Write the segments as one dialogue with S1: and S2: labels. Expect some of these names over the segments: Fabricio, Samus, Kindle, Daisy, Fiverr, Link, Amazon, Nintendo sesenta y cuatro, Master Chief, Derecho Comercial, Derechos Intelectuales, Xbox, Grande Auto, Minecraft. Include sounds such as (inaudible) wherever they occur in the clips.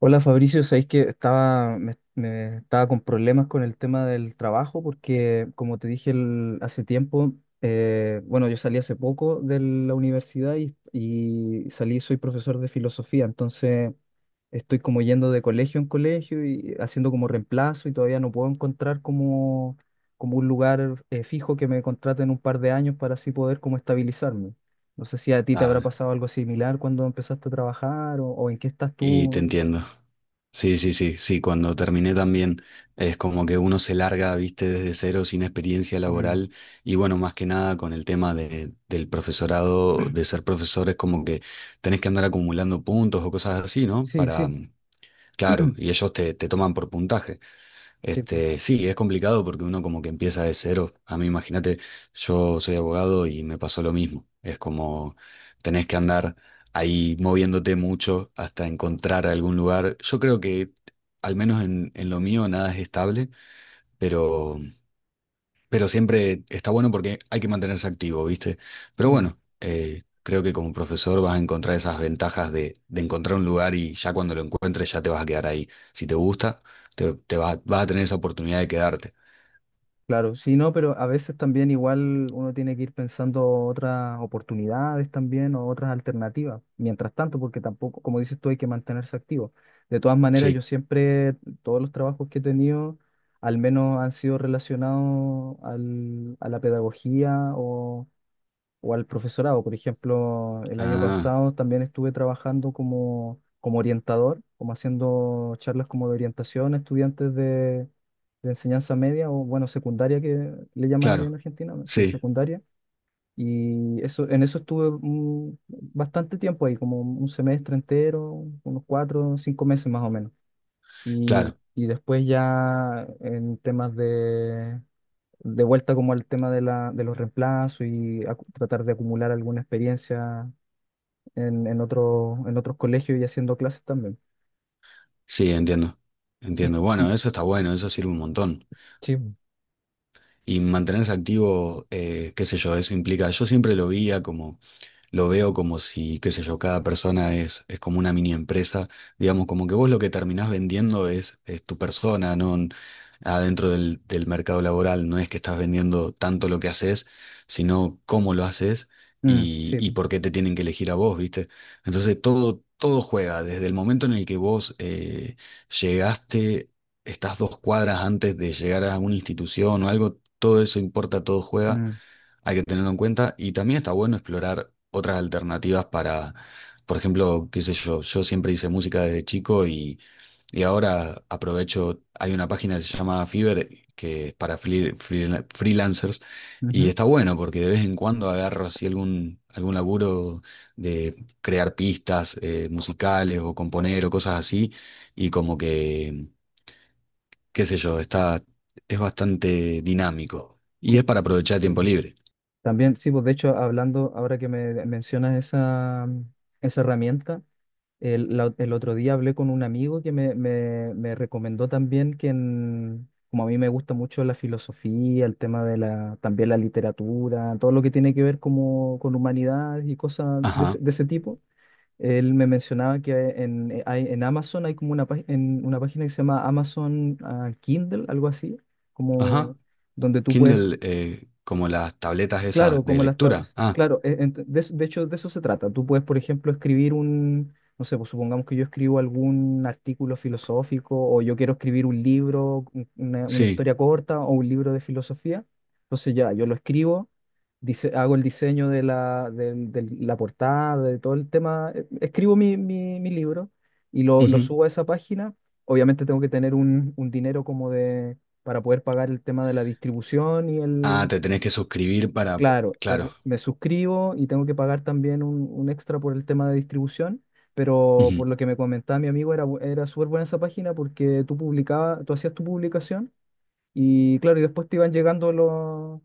S1: Hola Fabricio, sabéis que estaba, me estaba con problemas con el tema del trabajo porque, como te dije hace tiempo, bueno, yo salí hace poco de la universidad y salí, soy profesor de filosofía, entonces estoy como yendo de colegio en colegio y haciendo como reemplazo y todavía no puedo encontrar como, como un lugar fijo que me contrate en un par de años para así poder como estabilizarme. No sé si a ti te
S2: Ah,
S1: habrá pasado algo similar cuando empezaste a trabajar o en qué estás
S2: y te
S1: tú.
S2: entiendo. Sí, sí, sí, sí, cuando terminé también es como que uno se larga, viste, desde cero sin experiencia
S1: Mm.
S2: laboral. Y bueno, más que nada con el tema del profesorado, de ser profesor es como que tenés que andar acumulando puntos o cosas así, ¿no?
S1: Sí, sí,
S2: Claro, y ellos te toman por puntaje.
S1: sí,
S2: Este, sí, es complicado porque uno como que empieza de cero. A mí, imagínate, yo soy abogado y me pasó lo mismo. Es como tenés que andar ahí moviéndote mucho hasta encontrar algún lugar. Yo creo que, al menos en lo mío, nada es estable, pero pero siempre está bueno porque hay que mantenerse activo, ¿viste? Pero
S1: mm,
S2: bueno, creo que como profesor vas a encontrar esas ventajas de encontrar un lugar y ya cuando lo encuentres ya te vas a quedar ahí. Si te gusta, vas a tener esa oportunidad de quedarte.
S1: claro, sí, no, pero a veces también igual uno tiene que ir pensando otras oportunidades también o otras alternativas, mientras tanto, porque tampoco, como dices tú, hay que mantenerse activo. De todas maneras, yo
S2: Sí.
S1: siempre, todos los trabajos que he tenido, al menos han sido relacionados a la pedagogía o al profesorado. Por ejemplo, el año
S2: Ah,
S1: pasado también estuve trabajando como, como orientador, como haciendo charlas como de orientación a estudiantes de enseñanza media o, bueno, secundaria que le llaman allá en
S2: claro.
S1: Argentina, ¿no? Sí,
S2: Sí,
S1: secundaria. Y eso, en eso estuve bastante tiempo ahí, como un semestre entero, unos cuatro, cinco meses más o menos. Y,
S2: claro.
S1: y después ya en temas de vuelta como al tema de la, de los reemplazos y tratar de acumular alguna experiencia en otro, en otros colegios y haciendo clases también.
S2: Sí, entiendo.
S1: Y,
S2: Entiendo. Bueno,
S1: y-
S2: eso está bueno, eso sirve un montón.
S1: sí,
S2: Y mantenerse activo, qué sé yo, eso implica, yo siempre lo veía como lo veo como si, qué sé yo, cada persona es como una mini empresa, digamos, como que vos lo que terminás vendiendo es tu persona, no n- adentro del mercado laboral, no es que estás vendiendo tanto lo que haces, sino cómo lo haces
S1: sí,
S2: y por qué te tienen que elegir a vos, ¿viste? Entonces todo juega, desde el momento en el que vos llegaste, estás dos cuadras antes de llegar a una institución o algo, todo eso importa, todo juega.
S1: mm,
S2: Hay que tenerlo en cuenta. Y también está bueno explorar otras alternativas para, por ejemplo, qué sé yo, yo siempre hice música desde chico y ahora aprovecho, hay una página que se llama Fiverr, que es para freelancers, y
S1: ujú,
S2: está bueno porque de vez en cuando agarro así algún laburo de crear pistas musicales o componer o cosas así, y como que, qué sé yo, está, es bastante dinámico. Y es para aprovechar
S1: sí,
S2: tiempo
S1: bueno.
S2: libre.
S1: También, sí, pues de hecho, hablando, ahora que me mencionas esa, esa herramienta, El otro día hablé con un amigo que me recomendó también que, como a mí me gusta mucho la filosofía, el tema de la, también la literatura, todo lo que tiene que ver como con humanidades y cosas ese
S2: Ajá,
S1: de ese tipo, él me mencionaba que en, en Amazon hay como una, en una página que se llama Amazon Kindle, algo así,
S2: ajá.
S1: como donde tú puedes.
S2: Kindle, como las tabletas
S1: Claro,
S2: esas de
S1: como las
S2: lectura. Ah,
S1: claro, de hecho de eso se trata. Tú puedes, por ejemplo, escribir un, no sé, pues supongamos que yo escribo algún artículo filosófico o yo quiero escribir un libro, una
S2: sí.
S1: historia corta o un libro de filosofía. Entonces ya, yo lo escribo, hago el diseño de la, la portada, de todo el tema, escribo mi, mi libro y lo Ujú
S2: Ujú.
S1: subo a esa página. Obviamente tengo que tener un dinero como de, para poder pagar el tema de la distribución y
S2: Ah,
S1: el
S2: te tenés que suscribir para...
S1: claro,
S2: Claro.
S1: me suscribo y tengo que pagar también un extra por el tema de distribución, pero
S2: Ujú.
S1: por lo que me comentaba mi amigo era, era súper buena esa página porque tú publicabas, tú hacías tu publicación y claro, y después te iban llegando los,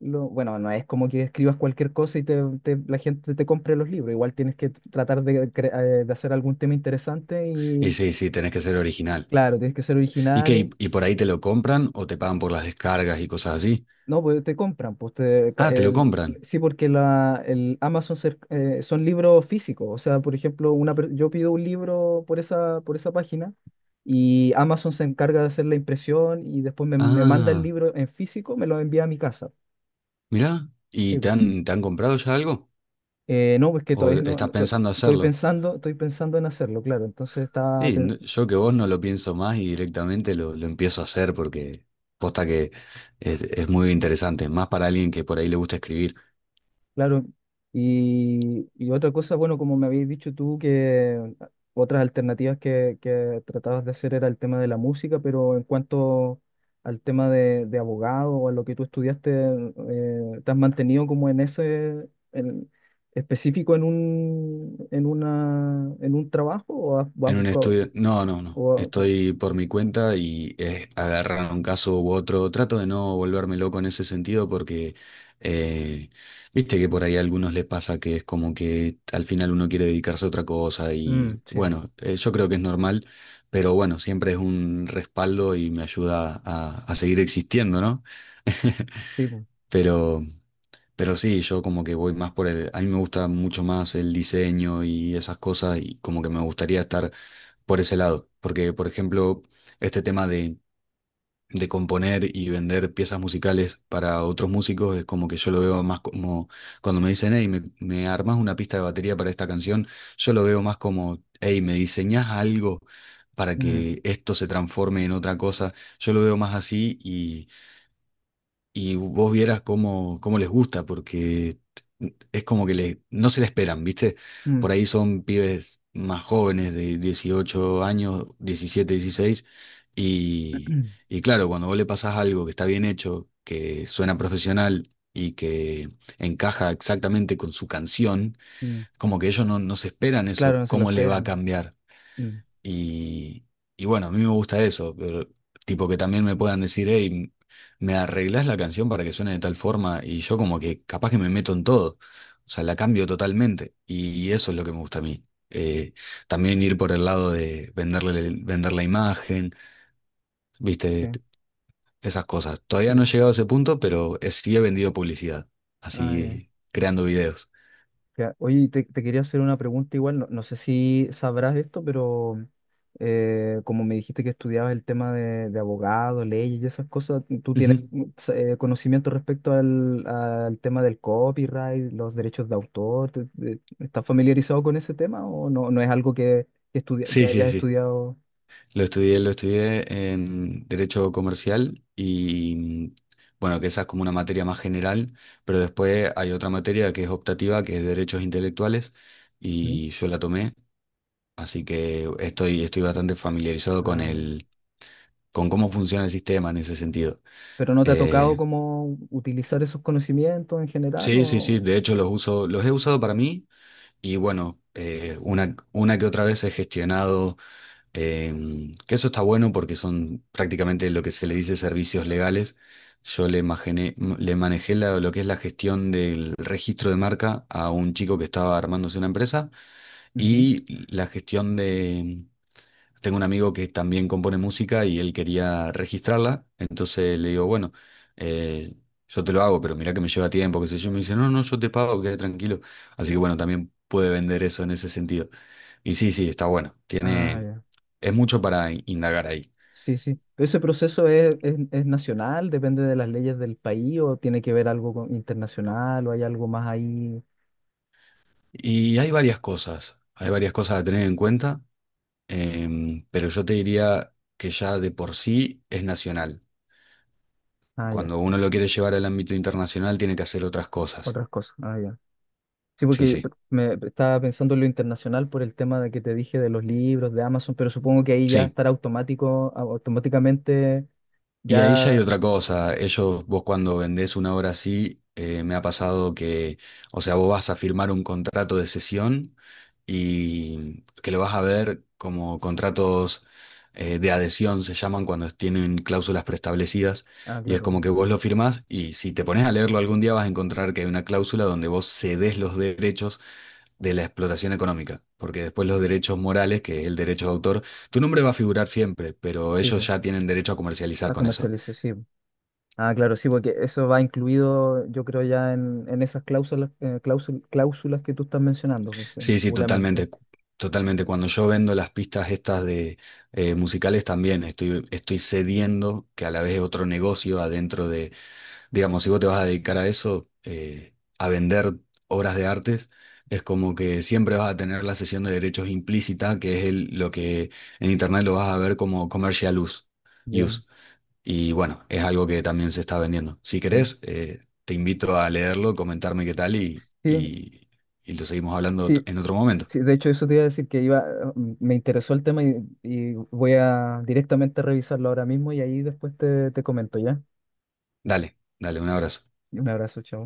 S1: bueno, no es como que escribas cualquier cosa y te, la gente te compre los libros, igual tienes que tratar de, de hacer algún tema interesante
S2: Y
S1: y
S2: sí, sí, tenés que ser original.
S1: claro, tienes que ser
S2: ¿Y qué?
S1: original.
S2: Y por ahí te lo compran o te pagan por las descargas y cosas así?
S1: No, pues te compran, pues te,
S2: Ah, te lo
S1: el,
S2: compran.
S1: sí, porque la, el Amazon son libros físicos, o sea, por ejemplo, una, yo pido un libro por esa página y Amazon se encarga de hacer la impresión y después me, me manda el
S2: Ah,
S1: libro en físico, me lo envía a mi casa.
S2: mirá. ¿Y
S1: Sí, pues.
S2: te han comprado ya algo?
S1: No, pues que
S2: ¿O
S1: todavía no,
S2: estás
S1: no,
S2: pensando hacerlo?
S1: estoy pensando en hacerlo, claro, entonces está
S2: Sí, no, yo que vos no lo pienso más y directamente lo empiezo a hacer porque posta que es muy interesante, más para alguien que por ahí le gusta escribir.
S1: claro. Y, y otra cosa, bueno, como me habéis dicho tú, que otras alternativas que tratabas de hacer era el tema de la música, pero en cuanto al tema de abogado o a lo que tú estudiaste, ¿te has mantenido como en ese, específico en un, en una, en un trabajo o has
S2: En un
S1: buscado?
S2: estudio, no, no, no.
S1: o- o-
S2: Estoy por mi cuenta y es agarrar un caso u otro. Trato de no volverme loco en ese sentido porque, eh, viste que por ahí a algunos les pasa que es como que al final uno quiere dedicarse a otra cosa
S1: Mm,
S2: y
S1: sí,
S2: bueno, yo creo que es normal, pero bueno, siempre es un respaldo y me ayuda a seguir existiendo, ¿no?
S1: sí, po.
S2: Pero, pero sí, yo como que voy más por el, a mí me gusta mucho más el diseño y esas cosas y como que me gustaría estar por ese lado, porque por ejemplo, este tema de componer y vender piezas musicales para otros músicos es como que yo lo veo más como cuando me dicen, hey, me armas una pista de batería para esta canción, yo lo veo más como, hey, me diseñas algo para
S1: Mm,
S2: que esto se transforme en otra cosa, yo lo veo más así y vos vieras cómo, cómo les gusta, porque es como que le, no se la esperan, ¿viste? Por
S1: mm,
S2: ahí son pibes más jóvenes, de 18 años, 17 16 y,
S1: (clears throat)
S2: y claro, cuando vos le pasás algo que está bien hecho, que suena profesional y que encaja exactamente con su canción,
S1: mm.
S2: como que ellos no, no se esperan
S1: Claro,
S2: eso,
S1: no se lo
S2: cómo le va a
S1: esperan.
S2: cambiar.
S1: Mm,
S2: Y, y bueno, a mí me gusta eso, pero tipo que también me puedan decir, hey, me arreglás la canción para que suene de tal forma y yo como que capaz que me meto en todo, o sea, la cambio totalmente y eso es lo que me gusta a mí. Eh, también ir por el lado de venderle, vender la imagen, viste,
S1: sí,
S2: Esas cosas. Todavía
S1: sí.
S2: no he llegado a ese punto, pero sí he vendido publicidad,
S1: Ah, ya.
S2: así creando videos.
S1: Ya, oye, te quería hacer una pregunta igual, no, no sé si sabrás esto, pero como me dijiste que estudiabas el tema de abogado, leyes y esas cosas, ¿tú tienes
S2: Ujú.
S1: conocimiento respecto al, al tema del copyright, los derechos de autor? ¿Estás familiarizado con ese tema o no, no es algo que, que
S2: Sí, sí,
S1: hayas
S2: sí.
S1: estudiado?
S2: Lo estudié en Derecho Comercial y bueno, que esa es como una materia más general, pero después hay otra materia que es optativa, que es Derechos Intelectuales,
S1: Ujú.
S2: y yo la tomé, así que estoy, estoy bastante familiarizado con
S1: Ah, ya.
S2: el, con cómo funciona el sistema en ese sentido.
S1: ¿Pero no te ha tocado
S2: Eh,
S1: como utilizar esos conocimientos en general
S2: sí, sí,
S1: o...?
S2: sí, de hecho los uso, los he usado para mí y bueno, una que otra vez he gestionado. Que eso está bueno porque son prácticamente lo que se le dice servicios legales. Le manejé lo que es la gestión del registro de marca a un chico que estaba armándose una empresa
S1: Ujú.
S2: y la gestión de... Tengo un amigo que también compone música y él quería registrarla, entonces le digo, bueno, eh, yo te lo hago, pero mirá que me lleva tiempo, qué sé yo, me dice, no, no, yo te pago, quédate tranquilo. Así que bueno, también puede vender eso en ese sentido. Y sí, sí, está bueno.
S1: Ah,
S2: Tiene,
S1: ya.
S2: es mucho para indagar ahí.
S1: Sí, sí. Pero ¿ese proceso es nacional? ¿Depende de las leyes del país o tiene que ver algo internacional o hay algo más ahí?
S2: Y hay varias cosas a tener en cuenta, pero yo te diría que ya de por sí es nacional.
S1: Ah, ya.
S2: Cuando uno lo quiere llevar al ámbito internacional, tiene que hacer otras cosas.
S1: Otras cosas. Ah, ya. Sí,
S2: Sí,
S1: porque
S2: sí,
S1: me estaba pensando en lo internacional por el tema de que te dije de los libros, de Amazon, pero supongo que ahí ya
S2: sí.
S1: estará automático, automáticamente
S2: Y ahí ya hay
S1: ya.
S2: otra cosa. Ellos, vos cuando vendés una obra así, me ha pasado que, o sea, vos vas a firmar un contrato de cesión y que lo vas a ver como contratos de adhesión, se llaman cuando tienen cláusulas preestablecidas.
S1: Ah,
S2: Y es como
S1: claro.
S2: que vos lo firmás y si te pones a leerlo algún día vas a encontrar que hay una cláusula donde vos cedes los derechos de la explotación económica. Porque después los derechos morales, que es el derecho de autor, tu nombre va a figurar siempre, pero
S1: Sí,
S2: ellos
S1: pues.
S2: ya tienen derecho a comercializar
S1: A
S2: con eso.
S1: comercializar, sí. Po. Ah, claro, sí, porque eso va incluido, yo creo, ya en esas cláusulas, cláusulas que tú estás mencionando, pues,
S2: Sí, sí,
S1: seguramente.
S2: totalmente, totalmente. Cuando yo vendo las pistas estas de musicales también estoy, estoy cediendo que a la vez es otro negocio adentro de, digamos, si vos te vas a dedicar a eso, a vender obras de artes, es como que siempre vas a tener la cesión de derechos implícita, que es el, lo que en internet lo vas a ver como commercial use. Use.
S1: Ya.
S2: Y bueno, es algo que también se está vendiendo. Si
S1: Sí.
S2: querés, te invito a leerlo, comentarme qué tal
S1: Sí,
S2: y lo seguimos hablando
S1: sí,
S2: en otro momento.
S1: sí, de hecho eso te iba a decir que iba, me interesó el tema y voy a directamente revisarlo ahora mismo y ahí después te, te comento, ¿ya?
S2: Dale, dale, un abrazo.
S1: Un abrazo, chao.